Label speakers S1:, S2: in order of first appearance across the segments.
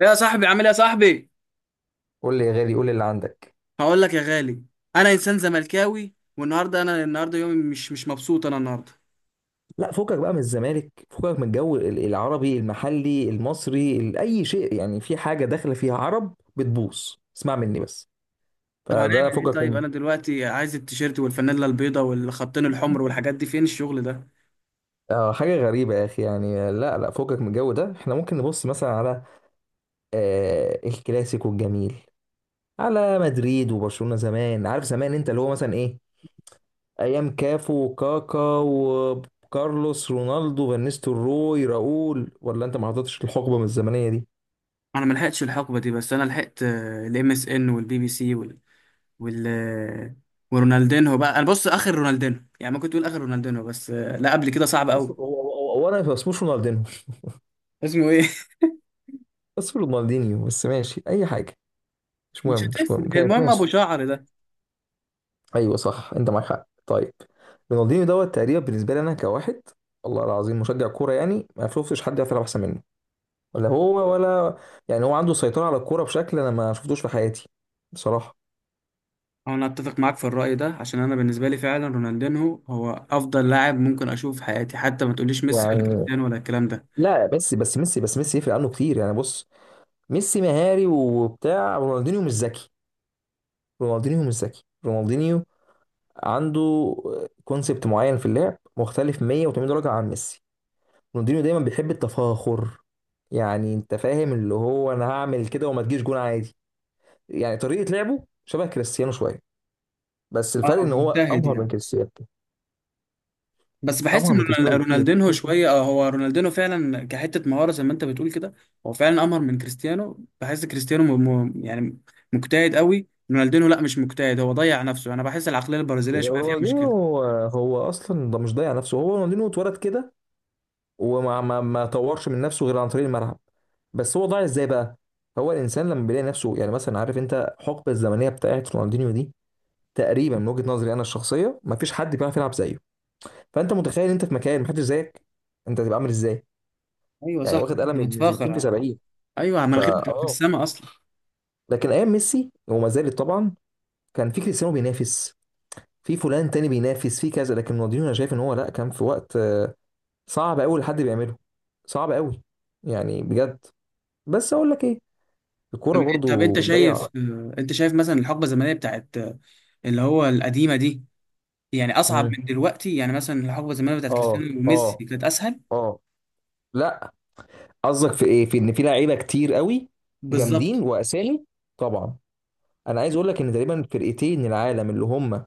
S1: يا صاحبي، عامل ايه يا صاحبي؟
S2: قول لي يا غالي، قول لي اللي عندك.
S1: هقول لك يا غالي. انا انسان زملكاوي والنهارده، انا النهارده يومي مش مبسوط انا النهارده.
S2: لا، فكك بقى من الزمالك، فكك من الجو العربي المحلي المصري، اي شيء. يعني في حاجه داخله فيها عرب بتبوظ. اسمع مني بس.
S1: طب هنعمل
S2: فده
S1: ايه؟
S2: فكك
S1: طيب
S2: من
S1: انا دلوقتي عايز التيشيرت والفانيلا البيضاء والخطين الحمر والحاجات دي، فين الشغل ده؟
S2: حاجه غريبه يا اخي. يعني لا لا، فكك من الجو ده. احنا ممكن نبص مثلا على الكلاسيكو الجميل، على مدريد وبرشلونه زمان. عارف زمان انت اللي هو مثلا ايه، ايام كافو وكاكا وكارلوس رونالدو فانيستو روي راؤول؟ ولا انت ما حضرتش الحقبه من الزمنيه دي؟
S1: انا ما لحقتش الحقبه دي، بس انا لحقت الام اس ان والبي بي سي وال وال آه، ورونالدينهو بقى. انا بص، اخر رونالدينهو يعني، ممكن تقول اخر رونالدينهو، بس لا قبل كده صعب
S2: هو
S1: قوي.
S2: هو- هو- هو انا ما اسموش رونالدينو،
S1: اسمه ايه؟
S2: بس رونالدينيو. بس ماشي، اي حاجه مش
S1: مش
S2: مهم، مش
S1: هتفرق،
S2: مهم كيف.
S1: المهم ابو
S2: ماشي.
S1: شعر ده.
S2: ايوه صح، انت معاك حق. طيب، رونالدينيو دوت تقريبا بالنسبه لي انا كواحد، والله العظيم، مشجع كوره، يعني ما شفتش حد يعرف يلعب احسن منه، ولا هو ولا. يعني هو عنده سيطره على الكوره بشكل انا ما شفتوش في حياتي، بصراحه.
S1: هو انا اتفق معاك في الرأي ده، عشان انا بالنسبة لي فعلا رونالدينهو هو افضل لاعب ممكن اشوفه في حياتي، حتى ما تقوليش ميسي ولا
S2: يعني
S1: كريستيانو ولا الكلام ده.
S2: لا، ميسي، بس ميسي بس ميسي يفرق عنه كتير. يعني بص، ميسي مهاري وبتاع، رونالدينيو مش ذكي. رونالدينيو عنده كونسبت معين في اللعب، مختلف 180 درجة عن ميسي. رونالدينيو دايما بيحب التفاخر، يعني انت فاهم، اللي هو انا هعمل كده وما تجيش جون عادي. يعني طريقة لعبه شبه كريستيانو شوية، بس
S1: اه
S2: الفرق ان هو
S1: مجتهد
S2: ابهر من
S1: يعني،
S2: كريستيانو.
S1: بس بحس
S2: ابهر
S1: ان
S2: من كريستيانو بكتير.
S1: رونالدينهو شوية اه، هو رونالدينهو فعلا كحتة مهارة زي ما انت بتقول كده. هو فعلا امهر من كريستيانو، بحس كريستيانو يعني مجتهد قوي. رونالدينهو لا مش مجتهد، هو ضيع نفسه. انا بحس العقلية البرازيلية شوية فيها
S2: رونالدينيو
S1: مشكلة.
S2: هو اصلا ده مش ضايع نفسه، هو رونالدينيو اتولد كده، وما ما ما طورش من نفسه غير عن طريق الملعب. بس هو ضايع ازاي بقى؟ هو الانسان لما بيلاقي نفسه، يعني مثلا عارف انت الحقبه الزمنيه بتاعت رونالدينيو دي، تقريبا من وجهة نظري انا الشخصيه، مفيش حد بيعرف يلعب زيه. فانت متخيل انت في مكان محدش زيك، انت هتبقى عامل ازاي؟
S1: ايوه
S2: يعني
S1: صح،
S2: واخد قلم
S1: انا
S2: من 60 في
S1: متفاخر.
S2: 70.
S1: ايوه
S2: فا
S1: مناخيرك بتبقى في
S2: اه
S1: السما اصلا.
S2: لكن ايام ميسي، وما زالت طبعا، كان في كريستيانو بينافس، في فلان تاني بينافس في كذا، لكن رونالدينيو انا شايف ان هو لا، كان في وقت صعب قوي لحد بيعمله. صعب قوي، يعني بجد. بس اقول لك ايه،
S1: طب
S2: الكوره
S1: طب
S2: برضو
S1: انت شايف،
S2: بتضيع.
S1: انت شايف مثلا الحقبه الزمنيه بتاعت اللي هو القديمه دي، يعني اصعب
S2: امم
S1: من دلوقتي؟ يعني مثلا الحقبه الزمنيه بتاعت
S2: اه،
S1: كريستيانو
S2: اه،
S1: وميسي كانت اسهل.
S2: اه. لا. قصدك في ايه؟ في ان في لعيبه كتير قوي، جامدين
S1: بالظبط،
S2: واسامي؟ طبعا. انا عايز اقول لك ان تقريبا فرقتين العالم، اللي هم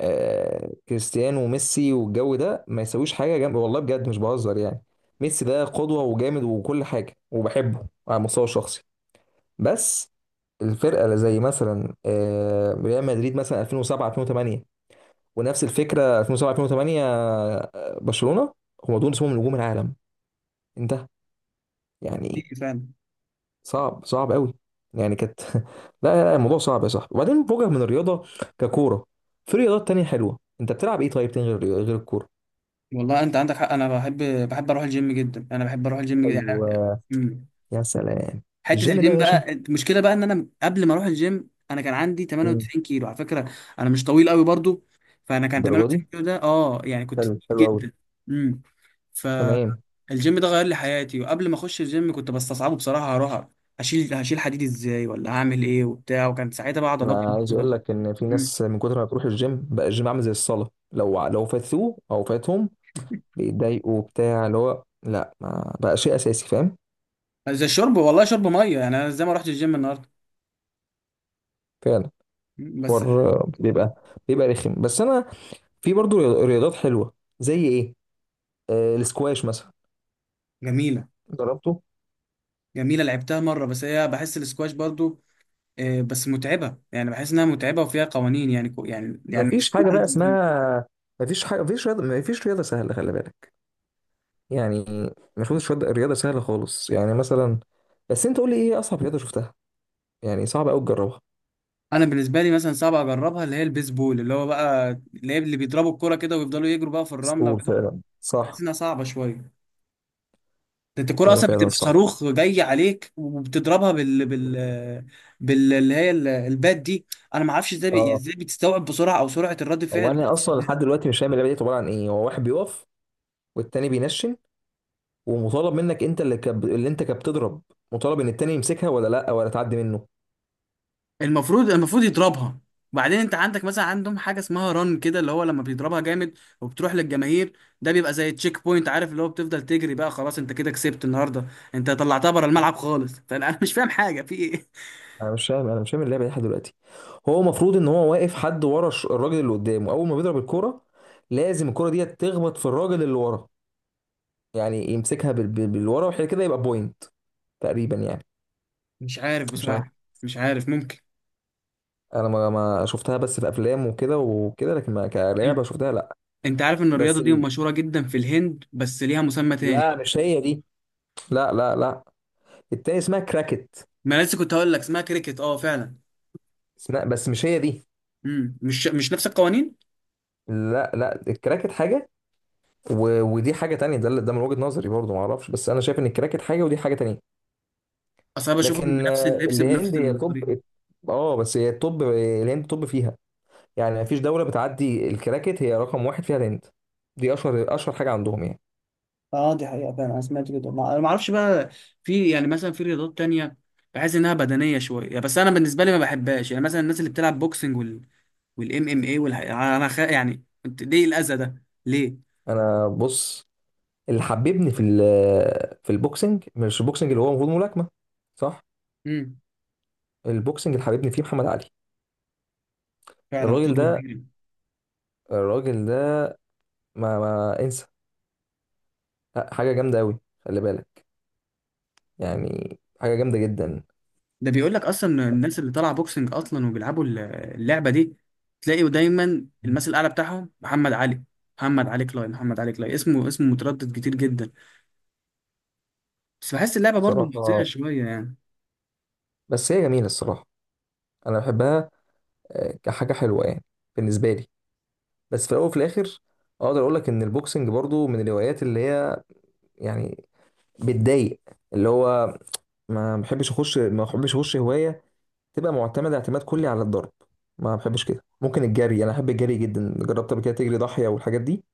S2: كريستيانو وميسي، والجو ده ما يسويش حاجه جنب، والله بجد مش بهزر. يعني ميسي ده قدوه، وجامد، وكل حاجه، وبحبه على المستوى الشخصي، بس الفرقه اللي زي مثلا ريال مدريد مثلا 2007 2008، ونفس الفكره 2007 2008 برشلونه، هم دول اسمهم نجوم العالم، انتهى.
S1: دي
S2: يعني
S1: فعلا.
S2: صعب، صعب قوي، يعني كانت لا. لا لا، الموضوع صعب يا صاحبي. وبعدين فوقك من الرياضه ككوره، في رياضات تانية حلوه. انت بتلعب ايه طيب تاني، غير الكوره؟
S1: والله انت عندك حق، انا بحب. بحب اروح الجيم جدا، انا بحب اروح الجيم جدا يعني.
S2: ايوه.
S1: مم.
S2: يا سلام،
S1: حته
S2: الجيم ده
S1: الجيم
S2: يا باشا.
S1: بقى، المشكله بقى ان انا قبل ما اروح الجيم انا كان عندي
S2: مم.
S1: 98 كيلو على فكره. انا مش طويل قوي برضو، فانا كان
S2: الدرجه دي
S1: 98 كيلو ده، اه يعني كنت
S2: حلو، حلو
S1: تقيل
S2: قوي،
S1: جدا. امم ف
S2: تمام.
S1: الجيم ده غير لي حياتي. وقبل ما اخش الجيم كنت بستصعبه بصراحه، هروح هشيل حديد ازاي، ولا هعمل ايه وبتاع، وكان ساعتها بقى عضلات.
S2: انا عايز اقول لك ان في
S1: مم.
S2: ناس من كتر ما بتروح الجيم بقى، الجيم عامل زي الصلاه، لو فاتوه او فاتهم بيتضايقوا، بتاع، اللي هو لا، ما بقى شيء اساسي، فاهم؟
S1: زي الشرب، والله شرب ميه. يعني انا زي ما رحت الجيم النهارده.
S2: فعلا.
S1: مم، بس.
S2: حوار
S1: مم.
S2: بيبقى رخم، بس انا في برضو رياضات حلوه. زي ايه؟ السكواش مثلا.
S1: جميله.
S2: جربته.
S1: جميله، لعبتها مره، بس هي بحس الاسكواش برضو بس متعبه، يعني بحس انها متعبه وفيها قوانين، يعني يعني يعني مش
S2: مفيش
S1: كل
S2: حاجه
S1: حد
S2: بقى
S1: بيفهم.
S2: اسمها، مفيش حاجه، مفيش رياضه سهله، خلي بالك. يعني مفيش رياضة سهله خالص، يعني مثلا. بس انت قول لي ايه اصعب رياضه شفتها، يعني صعب قوي تجربها؟
S1: انا بالنسبه لي مثلا صعب اجربها اللي هي البيسبول، اللي هو بقى اللي هي اللي بيضربوا الكوره كده ويفضلوا يجروا بقى في الرمله
S2: قول،
S1: وكده.
S2: فعلا،
S1: بحس
S2: صح.
S1: انها صعبه شويه. ده انت الكرة
S2: هي
S1: اصلا
S2: فعلا
S1: بتبقى
S2: صعب،
S1: صاروخ جاي عليك، وبتضربها بال اللي هي البات دي. انا ما اعرفش ازاي
S2: اه.
S1: ازاي بتستوعب بسرعة، او سرعة الرد فعل،
S2: هو
S1: ما
S2: انا
S1: اعرفش
S2: اصلا
S1: ازاي.
S2: لحد دلوقتي مش فاهم اللعبه دي عباره عن ايه. هو واحد بيقف، والتاني بينشن، ومطالب منك انت اللي انت كبتضرب، مطالب ان التاني يمسكها ولا لا، ولا تعدي منه.
S1: المفروض يضربها. وبعدين انت عندك مثلا، عندهم حاجة اسمها رن كده، اللي هو لما بيضربها جامد وبتروح للجماهير، ده بيبقى زي تشيك بوينت. عارف اللي هو بتفضل تجري بقى، خلاص انت كده كسبت النهاردة، انت طلعتها بره الملعب خالص. فانا انا مش فاهم حاجة في ايه.
S2: انا مش فاهم اللعبه دي لحد دلوقتي. هو المفروض ان هو واقف حد ورا الراجل اللي قدامه، اول ما بيضرب الكوره لازم الكوره دي تخبط في الراجل اللي ورا. يعني يمسكها بالورا وحاجه كده، يبقى بوينت تقريبا يعني.
S1: مش عارف
S2: مش عارف.
S1: بصراحة. مش عارف، ممكن.
S2: انا ما شفتها بس في افلام وكده وكده، لكن ما كلعبه شفتها، لا.
S1: انت عارف ان الرياضه
S2: بس
S1: دي
S2: ال-
S1: مشهوره جدا في الهند، بس ليها مسمى تاني
S2: لا،
S1: بقى.
S2: مش هي دي. لا لا لا، التاني اسمها كراكت.
S1: ما أنا لسه كنت هقول لك اسمها كريكت، اه فعلا.
S2: اسمها، بس مش هي دي.
S1: امم، مش نفس القوانين.
S2: لا لا، الكراكت حاجه، ودي حاجه تانية. ده ده من وجهه نظري برضه، ما اعرفش، بس انا شايف ان الكراكت حاجه، ودي حاجه تانية.
S1: اصل انا بشوفهم
S2: لكن
S1: بنفس اللبس بنفس
S2: الهند هي
S1: الطريقه.
S2: توب. اه، بس هي التوب، الهند توب فيها. يعني مفيش دولة بتعدي الكراكت، هي رقم واحد فيها الهند. دي اشهر، اشهر حاجة عندهم يعني.
S1: اه دي حقيقة فعلا، انا سمعت كده، انا ما اعرفش بقى. في يعني مثلا في رياضات تانية بحس انها بدنيه شويه، بس انا بالنسبه لي ما بحبهاش. يعني مثلا الناس اللي بتلعب بوكسنج وال والام ام اي انا يعني ليه الاذى ده ليه؟
S2: انا بص، اللي حببني في في البوكسنج، مش البوكسنج، اللي هو المفروض ملاكمة، صح.
S1: امم.
S2: البوكسنج اللي حببني فيه محمد علي.
S1: فعلا خطوه
S2: الراجل ده،
S1: كبيره.
S2: الراجل ده ما انسى. لا، حاجة جامدة قوي، خلي بالك، يعني حاجة جامدة جدا.
S1: ده بيقول لك اصلا الناس اللي طالعه بوكسنج اصلا وبيلعبوا اللعبه دي، تلاقي دايما المثل الاعلى بتاعهم محمد علي. محمد علي كلاي، محمد علي كلاي، اسمه متردد كتير جدا. بس بحس اللعبه برضو محزنه
S2: صراحة،
S1: شويه يعني.
S2: بس هي جميلة الصراحة، انا بحبها كحاجة حلوة يعني، بالنسبة لي. بس في الاول وفي الاخر، اقدر اقول لك ان البوكسنج برضو من الهوايات اللي هي يعني بتضايق، اللي هو، ما بحبش اخش هوايه تبقى معتمده اعتماد كلي على الضرب. ما بحبش كده. ممكن الجري، انا احب الجري جدا. جربت قبل كده تجري ضاحيه والحاجات دي؟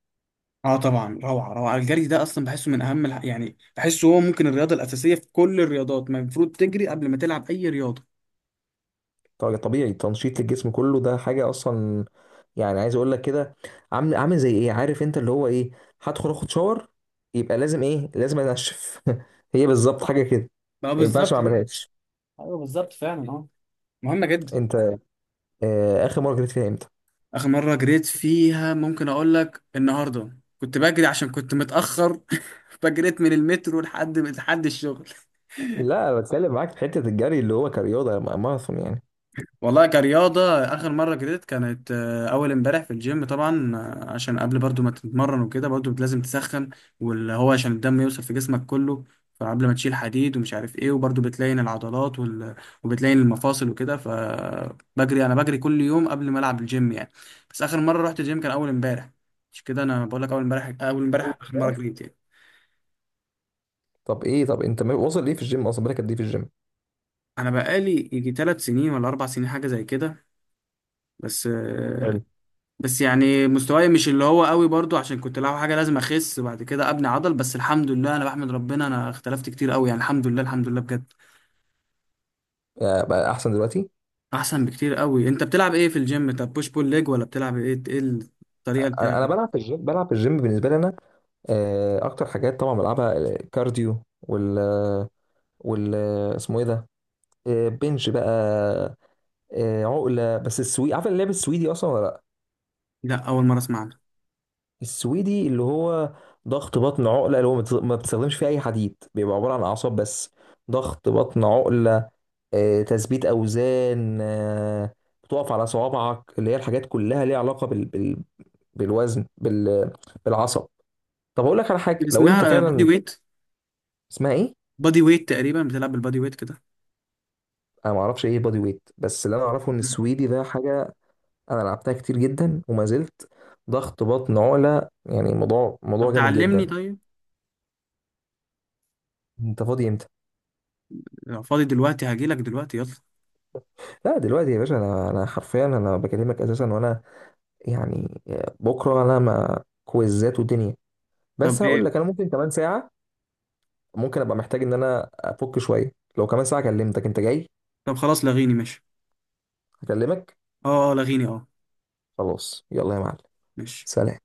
S1: اه طبعا، روعه روعه. الجري ده اصلا بحسه من اهم يعني بحسه هو ممكن الرياضه الاساسيه في كل الرياضات. ما المفروض تجري قبل ما تلعب اي رياضه.
S2: طبعا، طبيعي، تنشيط للجسم كله، ده حاجه اصلا. يعني عايز اقول لك كده، عامل زي ايه؟ عارف انت اللي هو ايه، هدخل اخد شاور، يبقى لازم ايه؟ لازم انشف. هي بالظبط حاجه كده،
S1: بقى
S2: ما ينفعش ما
S1: بالظبط، ايوه.
S2: اعملهاش.
S1: ايوه بالظبط فعلا، اه. مهمه جدا.
S2: انت اخر مره جريت فيها امتى؟
S1: اخر مره جريت فيها، ممكن اقول لك النهارده كنت بجري عشان كنت متاخر. فجريت من المترو لحد لحد الشغل.
S2: لا، أنا بتكلم معاك في حته الجري اللي هو كرياضه، ماراثون يعني.
S1: والله كرياضة، آخر مرة جريت كانت أول امبارح في الجيم طبعا، عشان قبل برضو ما تتمرن وكده برضو لازم تسخن، واللي هو عشان الدم يوصل في جسمك كله، فقبل ما تشيل حديد ومش عارف ايه، وبرضو بتلين العضلات وبتلين المفاصل وكده. فبجري، أنا بجري كل يوم قبل ما ألعب الجيم يعني. بس آخر مرة رحت الجيم كان أول امبارح. مش كده، أنا بقول لك أول امبارح، أول
S2: أول
S1: امبارح آخر مرة
S2: ده؟
S1: جريت يعني.
S2: طب ايه؟ طب انت واصل ليه في الجيم اصلا؟ بالك قد ايه في الجيم؟
S1: أنا بقالي يجي تلات سنين ولا أربع سنين حاجة زي كده، بس
S2: حلو.
S1: بس يعني مستواي مش اللي هو قوي برضو، عشان كنت لعب حاجه لازم اخس بعد كده ابني عضل، بس الحمد لله انا بحمد ربنا انا اختلفت كتير قوي يعني، الحمد لله الحمد لله بجد.
S2: بقى احسن دلوقتي.
S1: احسن بكتير قوي. انت بتلعب ايه في الجيم؟ طب بوش بول ليج، ولا بتلعب ايه؟ ايه الطريقه اللي بتلعب
S2: انا
S1: بيها؟
S2: بلعب في الجيم. بالنسبه لي انا اكتر حاجات طبعا بلعبها الكارديو وال وال اسمه ايه ده، بنش بقى، عقله. بس السويدي، عارف اللعب السويدي اصلا ولا لا؟
S1: لا اول مره اسمع عنها.
S2: السويدي اللي هو ضغط بطن عقله، اللي هو ما بتستخدمش فيه اي حديد، بيبقى عباره عن اعصاب بس. ضغط بطن عقله، تثبيت أوزان، بتقف على صوابعك، اللي هي الحاجات كلها ليها علاقة بالوزن، بالعصب. طب أقول لك على حاجة لو أنت
S1: اسمها بادي
S2: فعلا.
S1: ويت.
S2: اسمها إيه؟
S1: بادي ويت، تقريبا بتلعب بالبادي ويت كده.
S2: أنا ما أعرفش إيه بادي ويت، بس اللي أنا أعرفه إن
S1: مم.
S2: السويدي ده حاجة أنا لعبتها كتير جدا وما زلت. ضغط بطن عقلة، يعني موضوع
S1: طب
S2: جامد
S1: تعلمني
S2: جدا.
S1: طيب.
S2: انت فاضي امتى؟
S1: لو فاضي دلوقتي هجيلك دلوقتي، يلا.
S2: لا دلوقتي يا باشا، انا حرفيا انا بكلمك اساسا، وانا يعني بكره انا ما كويزات ودنيا، بس
S1: طب
S2: هقول
S1: ايه؟
S2: لك، انا ممكن كمان ساعه ممكن ابقى محتاج ان انا افك شويه. لو كمان ساعه كلمتك، انت جاي؟
S1: طب خلاص، لغيني ماشي.
S2: هكلمك.
S1: اه اه، لغيني اه.
S2: خلاص يلا يا معلم،
S1: ماشي.
S2: سلام.